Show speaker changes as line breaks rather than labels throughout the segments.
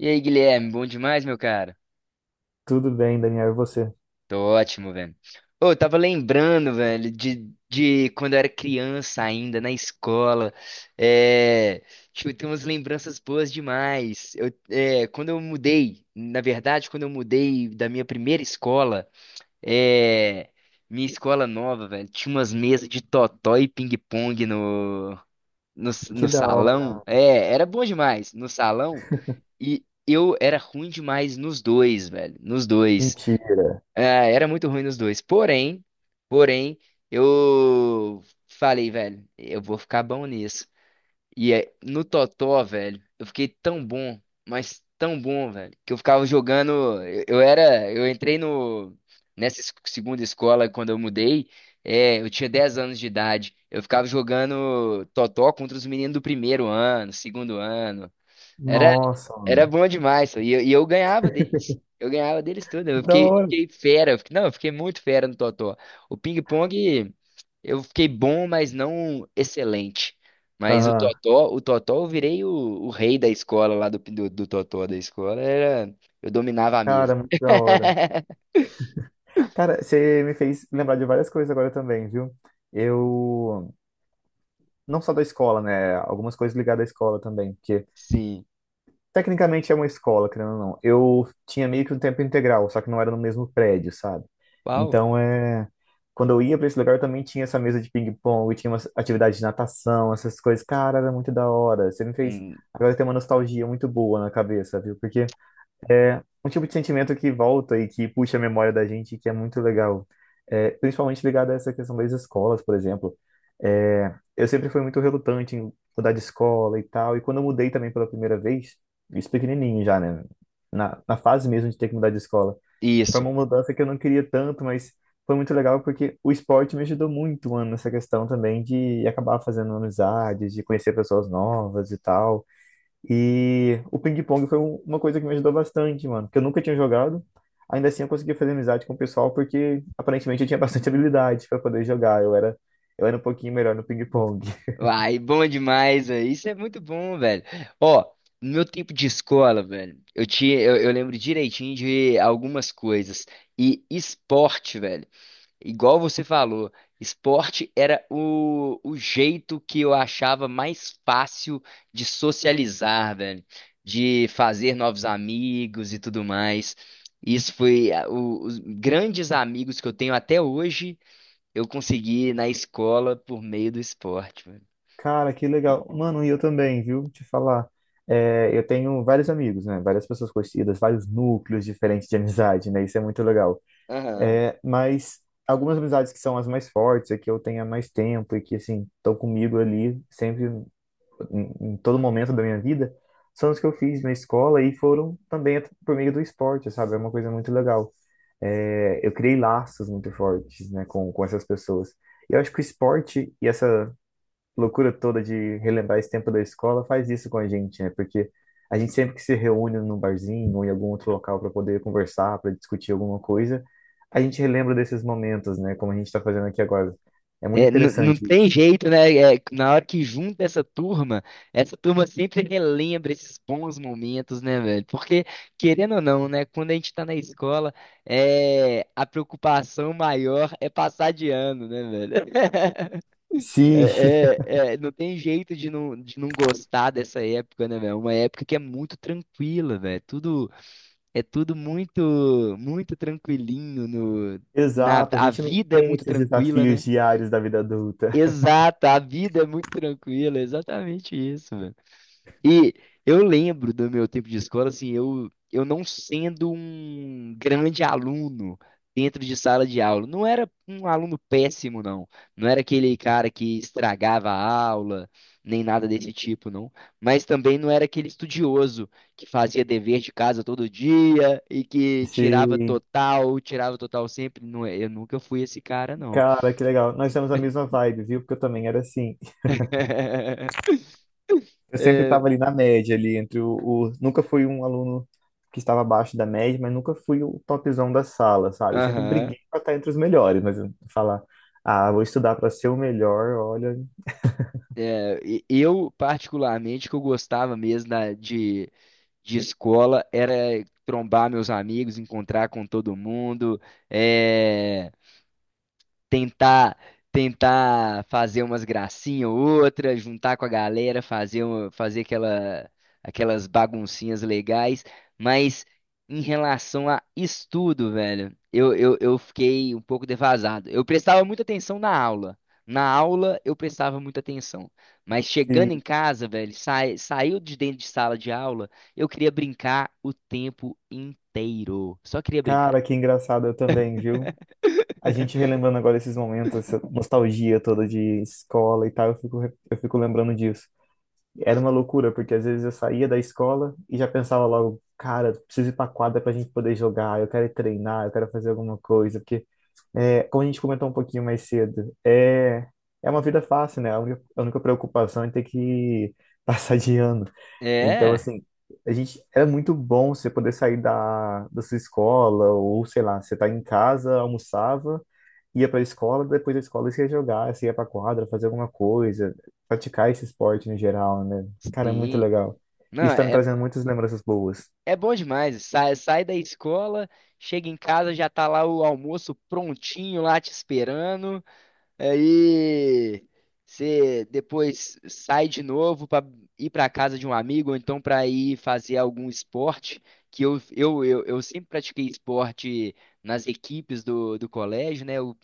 E aí, Guilherme, bom demais, meu cara?
Tudo bem, Daniel, e você?
Tô ótimo, velho. Ô, eu tava lembrando, velho, de quando eu era criança ainda, na escola. É, tipo, tem umas lembranças boas demais. Quando eu mudei, na verdade, quando eu mudei da minha primeira escola, é, minha escola nova, velho, tinha umas mesas de totó e ping-pong
Que
no
da hora,
salão.
mano.
É, era bom demais. No salão. E eu era ruim demais nos dois, velho. Nos dois.
Mentira.
Ah, era muito ruim nos dois. Porém, eu falei, velho, eu vou ficar bom nisso. E é, no Totó, velho, eu fiquei tão bom, mas tão bom, velho, que eu ficava jogando. Eu era. Eu entrei no. Nessa segunda escola, quando eu mudei, eu tinha 10 anos de idade. Eu ficava jogando Totó contra os meninos do primeiro ano, segundo ano. Era,
Nossa,
era
mano.
bom demais, pô. E eu ganhava deles. Eu ganhava deles tudo.
Que da
Eu
hora.
fiquei fera. Eu fiquei muito fera no totó. O ping-pong, eu fiquei bom, mas não excelente. Mas o
Aham.
totó, eu virei o rei da escola lá do totó da escola. Eu dominava a mesa.
Cara, muito da hora. Cara, você me fez lembrar de várias coisas agora também, viu? Eu, não só da escola, né? Algumas coisas ligadas à escola também, porque
Sim.
tecnicamente é uma escola, querendo ou não. Eu tinha meio que um tempo integral, só que não era no mesmo prédio, sabe?
Uau.
Então é. Quando eu ia pra esse lugar, eu também tinha essa mesa de ping-pong, tinha umas atividades de natação, essas coisas. Cara, era muito da hora. Você me fez.
Hum,
Agora tem uma nostalgia muito boa na cabeça, viu? Porque é um tipo de sentimento que volta e que puxa a memória da gente, e que é muito legal. É, principalmente ligado a essa questão das escolas, por exemplo. É, eu sempre fui muito relutante em mudar de escola e tal, e quando eu mudei também pela primeira vez, isso pequenininho já, né? Na fase mesmo de ter que mudar de escola. Foi
isso.
uma mudança que eu não queria tanto, mas foi muito legal porque o esporte me ajudou muito, mano, nessa questão também de acabar fazendo amizades, de conhecer pessoas novas e tal. E o ping-pong foi uma coisa que me ajudou bastante, mano, porque eu nunca tinha jogado. Ainda assim, eu consegui fazer amizade com o pessoal porque aparentemente eu tinha bastante habilidade para poder jogar. Eu era um pouquinho melhor no ping-pong.
Uai, bom demais, velho. Isso é muito bom, velho. Ó, no meu tempo de escola, velho, eu lembro direitinho de algumas coisas. E esporte, velho, igual você falou, esporte era o jeito que eu achava mais fácil de socializar, velho, de fazer novos amigos e tudo mais. Os grandes amigos que eu tenho até hoje, eu consegui na escola por meio do esporte.
Cara, que legal. Mano, e eu também, viu? Te falar. É, eu tenho vários amigos, né? Várias pessoas conhecidas, vários núcleos diferentes de amizade, né? Isso é muito legal.
Aham.
É, mas algumas amizades que são as mais fortes, é que eu tenho há mais tempo e que, assim, estão comigo ali sempre em todo momento da minha vida são os que eu fiz na escola e foram também por meio do esporte, sabe? É uma coisa muito legal. É, eu criei laços muito fortes, né, com essas pessoas. E eu acho que o esporte e essa loucura toda de relembrar esse tempo da escola faz isso com a gente, né? Porque a gente sempre que se reúne num barzinho ou em algum outro local para poder conversar, para discutir alguma coisa, a gente relembra desses momentos, né? Como a gente está fazendo aqui agora. É muito
É, não
interessante
tem
isso.
jeito, né? É, na hora que junta essa turma sempre relembra esses bons momentos, né, velho? Porque, querendo ou não, né? Quando a gente tá na escola, é, a preocupação maior é passar de ano, né, velho?
Sim.
Não tem jeito de de não gostar dessa época, né, velho? É uma época que é muito tranquila, velho. É tudo muito, muito tranquilinho, no, na,
Exato, a
a
gente não
vida é
tem
muito
esses
tranquila,
desafios
né?
diários da vida adulta.
Exato, a vida é muito tranquila, é exatamente isso, mano. E eu lembro do meu tempo de escola, assim, eu não sendo um grande aluno dentro de sala de aula. Não era um aluno péssimo, não. Não era aquele cara que estragava a aula, nem nada desse tipo, não. Mas também não era aquele estudioso que fazia dever de casa todo dia e que
Sim,
tirava total sempre. Não, é, eu nunca fui esse cara, não.
cara, que legal. Nós temos a mesma vibe, viu? Porque eu também era assim. Eu sempre
É.
estava ali na média, ali entre nunca fui um aluno que estava abaixo da média, mas nunca fui o topzão da sala, sabe? Eu sempre
Aham.
briguei para estar entre os melhores, mas eu falar, ah, vou estudar para ser o melhor, olha.
É, eu, particularmente, que eu gostava mesmo de escola era trombar meus amigos, encontrar com todo mundo. eh, tentar tentar fazer umas gracinhas ou outra, juntar com a galera, fazer aquelas baguncinhas legais, mas em relação a estudo, velho, eu fiquei um pouco defasado. Eu prestava muita atenção na aula. Na aula eu prestava muita atenção, mas chegando em
E,
casa, velho, saiu de dentro de sala de aula, eu queria brincar o tempo inteiro. Só queria brincar.
cara, que engraçado eu também, viu? A gente relembrando agora esses momentos, essa nostalgia toda de escola e tal, eu fico lembrando disso. Era uma loucura, porque às vezes eu saía da escola e já pensava logo, cara, preciso ir pra quadra pra gente poder jogar, eu quero ir treinar, eu quero fazer alguma coisa, porque, é, como a gente comentou um pouquinho mais cedo, é, é uma vida fácil, né? A única preocupação é ter que passar de ano. Então,
É,
assim, a gente, é muito bom você poder sair da sua escola, ou sei lá, você tá em casa, almoçava, ia para a escola, depois da escola você ia jogar, você ia para quadra, fazer alguma coisa, praticar esse esporte no geral, né? Cara, é muito
sim.
legal.
Não,
Isso tá me trazendo muitas lembranças boas.
é bom demais. Sai da escola, chega em casa, já tá lá o almoço prontinho lá te esperando. Aí você depois sai de novo pra ir pra casa de um amigo, ou então pra ir fazer algum esporte. Que eu, eu sempre pratiquei esporte nas equipes do colégio, né? Eu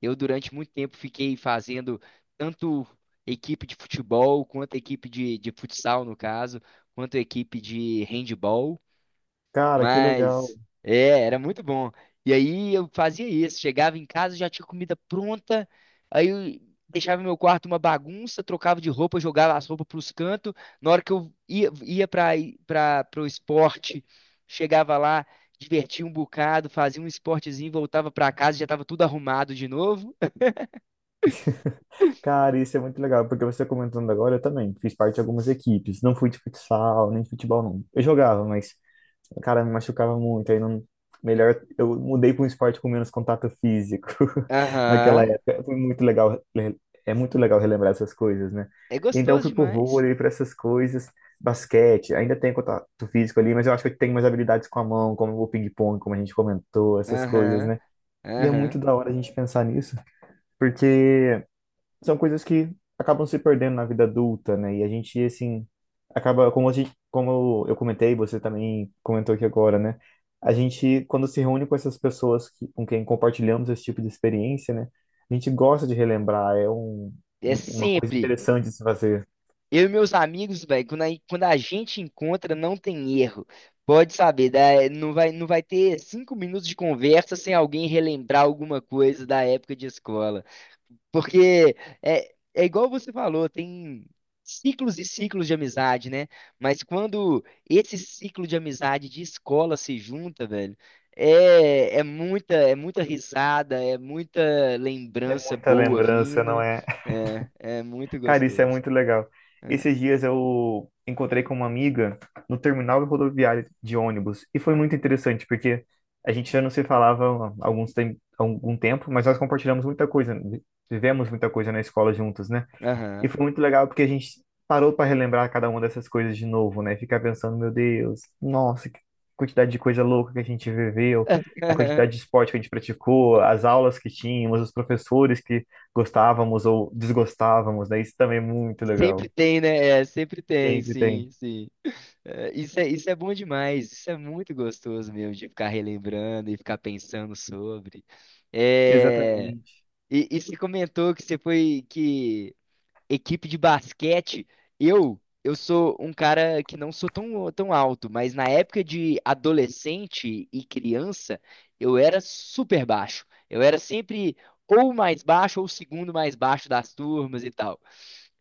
eu, Durante muito tempo, fiquei fazendo tanto equipe de futebol, quanto equipe de futsal, no caso, quanto equipe de handball,
Cara, que legal.
mas é, era muito bom. E aí eu fazia isso, chegava em casa, já tinha comida pronta, aí eu deixava meu quarto uma bagunça, trocava de roupa, jogava as roupas para os cantos. Na hora que ia para o esporte, chegava lá, divertia um bocado, fazia um esportezinho, voltava para casa, já estava tudo arrumado de novo.
Cara, isso é muito legal, porque você comentando agora, eu também fiz parte de algumas equipes. Não fui de futsal, nem de futebol, não. Eu jogava, mas cara, me machucava muito, aí não... Melhor, eu mudei para um esporte com menos contato físico naquela
Aham.
época. Foi muito legal, é muito legal relembrar essas coisas, né?
É
Então eu
gostoso
fui pro
demais.
vôlei, para essas coisas, basquete, ainda tem contato físico ali, mas eu acho que eu tenho mais habilidades com a mão, como o ping-pong, como a gente comentou, essas coisas,
Aham.
né? E é muito
Aham.
da hora a gente pensar nisso, porque são coisas que acabam se perdendo na vida adulta, né? E a gente, assim, acaba, como a gente, como eu comentei, você também comentou aqui agora, né? A gente, quando se reúne com essas pessoas que, com quem compartilhamos esse tipo de experiência, né? A gente gosta de relembrar, é
É
uma coisa
sempre.
interessante de se fazer.
Eu e meus amigos, velho, quando a gente encontra, não tem erro. Pode saber, não vai ter 5 minutos de conversa sem alguém relembrar alguma coisa da época de escola. Porque é igual você falou, tem ciclos e ciclos de amizade, né? Mas quando esse ciclo de amizade de escola se junta, velho, é muita risada, é muita
É
lembrança
muita
boa
lembrança, não
vindo.
é?
É, é muito
Cara, isso é
gostoso.
muito legal.
É.
Esses dias eu encontrei com uma amiga no terminal rodoviário de ônibus e foi muito interessante porque a gente já não se falava há algum tempo, mas nós compartilhamos muita coisa, vivemos muita coisa na escola juntos, né? E
Aham.
foi muito legal porque a gente parou para relembrar cada uma dessas coisas de novo, né? Ficar pensando, meu Deus, nossa, que quantidade de coisa louca que a gente viveu, a quantidade de esporte que a gente praticou, as aulas que tínhamos, os professores que gostávamos ou desgostávamos, né? Isso também é muito
Sempre
legal.
tem, né? É, sempre tem,
Sempre tem.
sim, sim. É, isso é bom demais, isso é muito gostoso mesmo, de ficar relembrando e ficar pensando sobre. É,
Exatamente.
e você comentou que você foi que equipe de basquete, eu eu sou um cara que não sou tão, tão alto, mas na época de adolescente e criança, eu era super baixo. Eu era sempre ou mais baixo ou o segundo mais baixo das turmas e tal.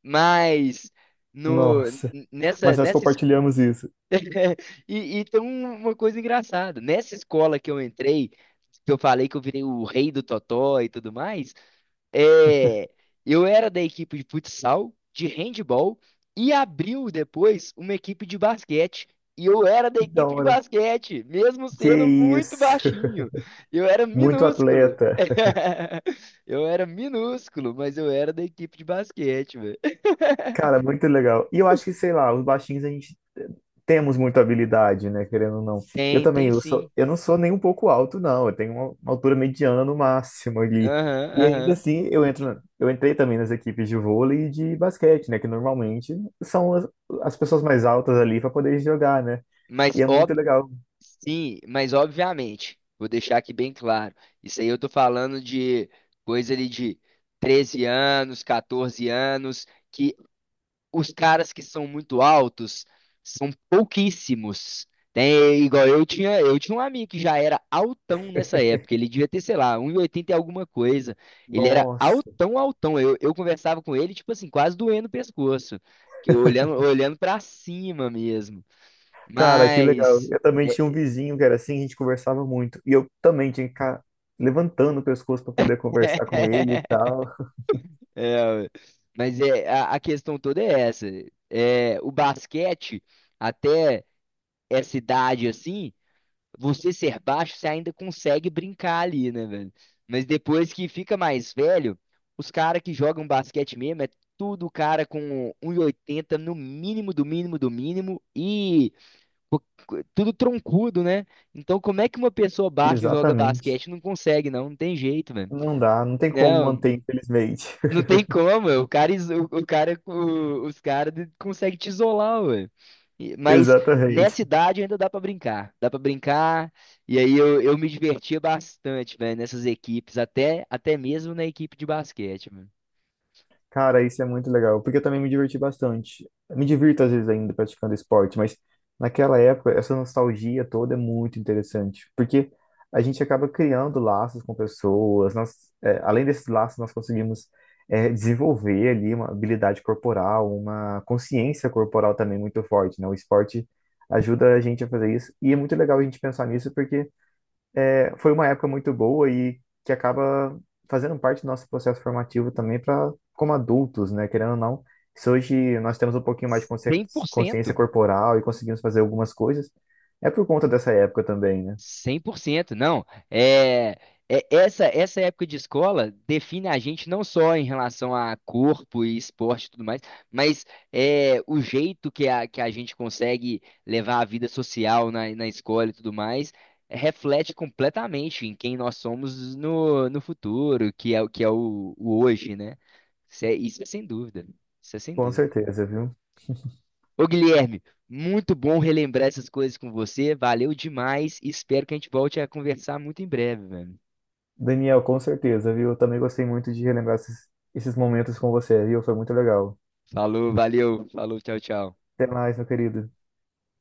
Mas no,
Nossa,
nessa,
mas nós
nessa
compartilhamos isso.
E tem uma coisa engraçada. Nessa escola que eu entrei, que eu falei que eu virei o rei do totó e tudo mais, é, eu era da equipe de futsal, de handball, e abriu depois uma equipe de basquete. E eu era da
Que da
equipe de
hora.
basquete, mesmo
Que
sendo muito
isso.
baixinho. Eu era
Muito
minúsculo.
atleta.
Eu era minúsculo, mas eu era da equipe de basquete, velho.
Cara, muito legal. E eu acho que, sei lá, os baixinhos a gente temos muita habilidade, né? Querendo ou não.
Tem, tem sim.
Eu não sou nem um pouco alto, não. Eu tenho uma altura mediana no máximo ali.
Aham,
E ainda
aham.
assim, eu entrei também nas equipes de vôlei e de basquete, né? Que normalmente são as pessoas mais altas ali para poder jogar, né? E
Mas
é muito
óbvio.
legal.
Sim, mas obviamente, vou deixar aqui bem claro. Isso aí eu tô falando de coisa ali de 13 anos, 14 anos, que os caras que são muito altos são pouquíssimos. Tem, igual eu tinha um amigo que já era altão nessa época, ele devia ter, sei lá, 1,80 e oitenta e alguma coisa. Ele era
Nossa,
altão, altão. Eu conversava com ele, tipo assim, quase doendo o pescoço, que eu olhando, olhando para cima mesmo.
cara, que legal.
Mas
Eu também tinha um vizinho que era assim, a gente conversava muito. E eu também tinha que ficar levantando o pescoço para poder conversar com ele e tal.
É, mas a questão toda é essa. É, o basquete, até essa idade assim, você ser baixo, você ainda consegue brincar ali, né, velho? Mas depois que fica mais velho, os caras que jogam basquete mesmo é tudo cara com 1,80 no mínimo do mínimo do mínimo e co- tudo troncudo, né? Então como é que uma pessoa baixa joga
Exatamente.
basquete não consegue, não? Não tem jeito, velho.
Não dá, não tem como
Não,
manter, infelizmente.
não tem como, o cara, iso- o cara, o- os caras conseguem te isolar, ué. Mas
Exatamente.
nessa idade ainda dá pra brincar, dá pra brincar. E aí eu me divertia bastante, velho, nessas equipes, até mesmo na equipe de basquete, mano.
Cara, isso é muito legal, porque eu também me diverti bastante. Me divirto às vezes ainda praticando esporte, mas naquela época, essa nostalgia toda é muito interessante, porque a gente acaba criando laços com pessoas, nós, é, além desses laços, nós conseguimos é, desenvolver ali uma habilidade corporal, uma consciência corporal também muito forte, né? O esporte ajuda a gente a fazer isso, e é muito legal a gente pensar nisso, porque foi uma época muito boa e que acaba fazendo parte do nosso processo formativo também para como adultos, né? Querendo ou não, se hoje nós temos um pouquinho mais de consciência
100%.
corporal e conseguimos fazer algumas coisas, é por conta dessa época também, né?
Cem por cento não. É, essa época de escola define a gente não só em relação a corpo e esporte e tudo mais, mas é, o jeito que que a gente consegue levar a vida social na escola e tudo mais reflete completamente em quem nós somos no futuro, o que é o hoje, né? Isso é sem dúvida. Isso é sem
Com
dúvida.
certeza, viu?
Ô Guilherme, muito bom relembrar essas coisas com você. Valeu demais. Espero que a gente volte a conversar muito em breve, velho.
Daniel, com certeza, viu? Eu também gostei muito de relembrar esses, esses momentos com você, viu? Foi muito legal.
Falou, valeu, falou, tchau, tchau.
Até mais, meu querido.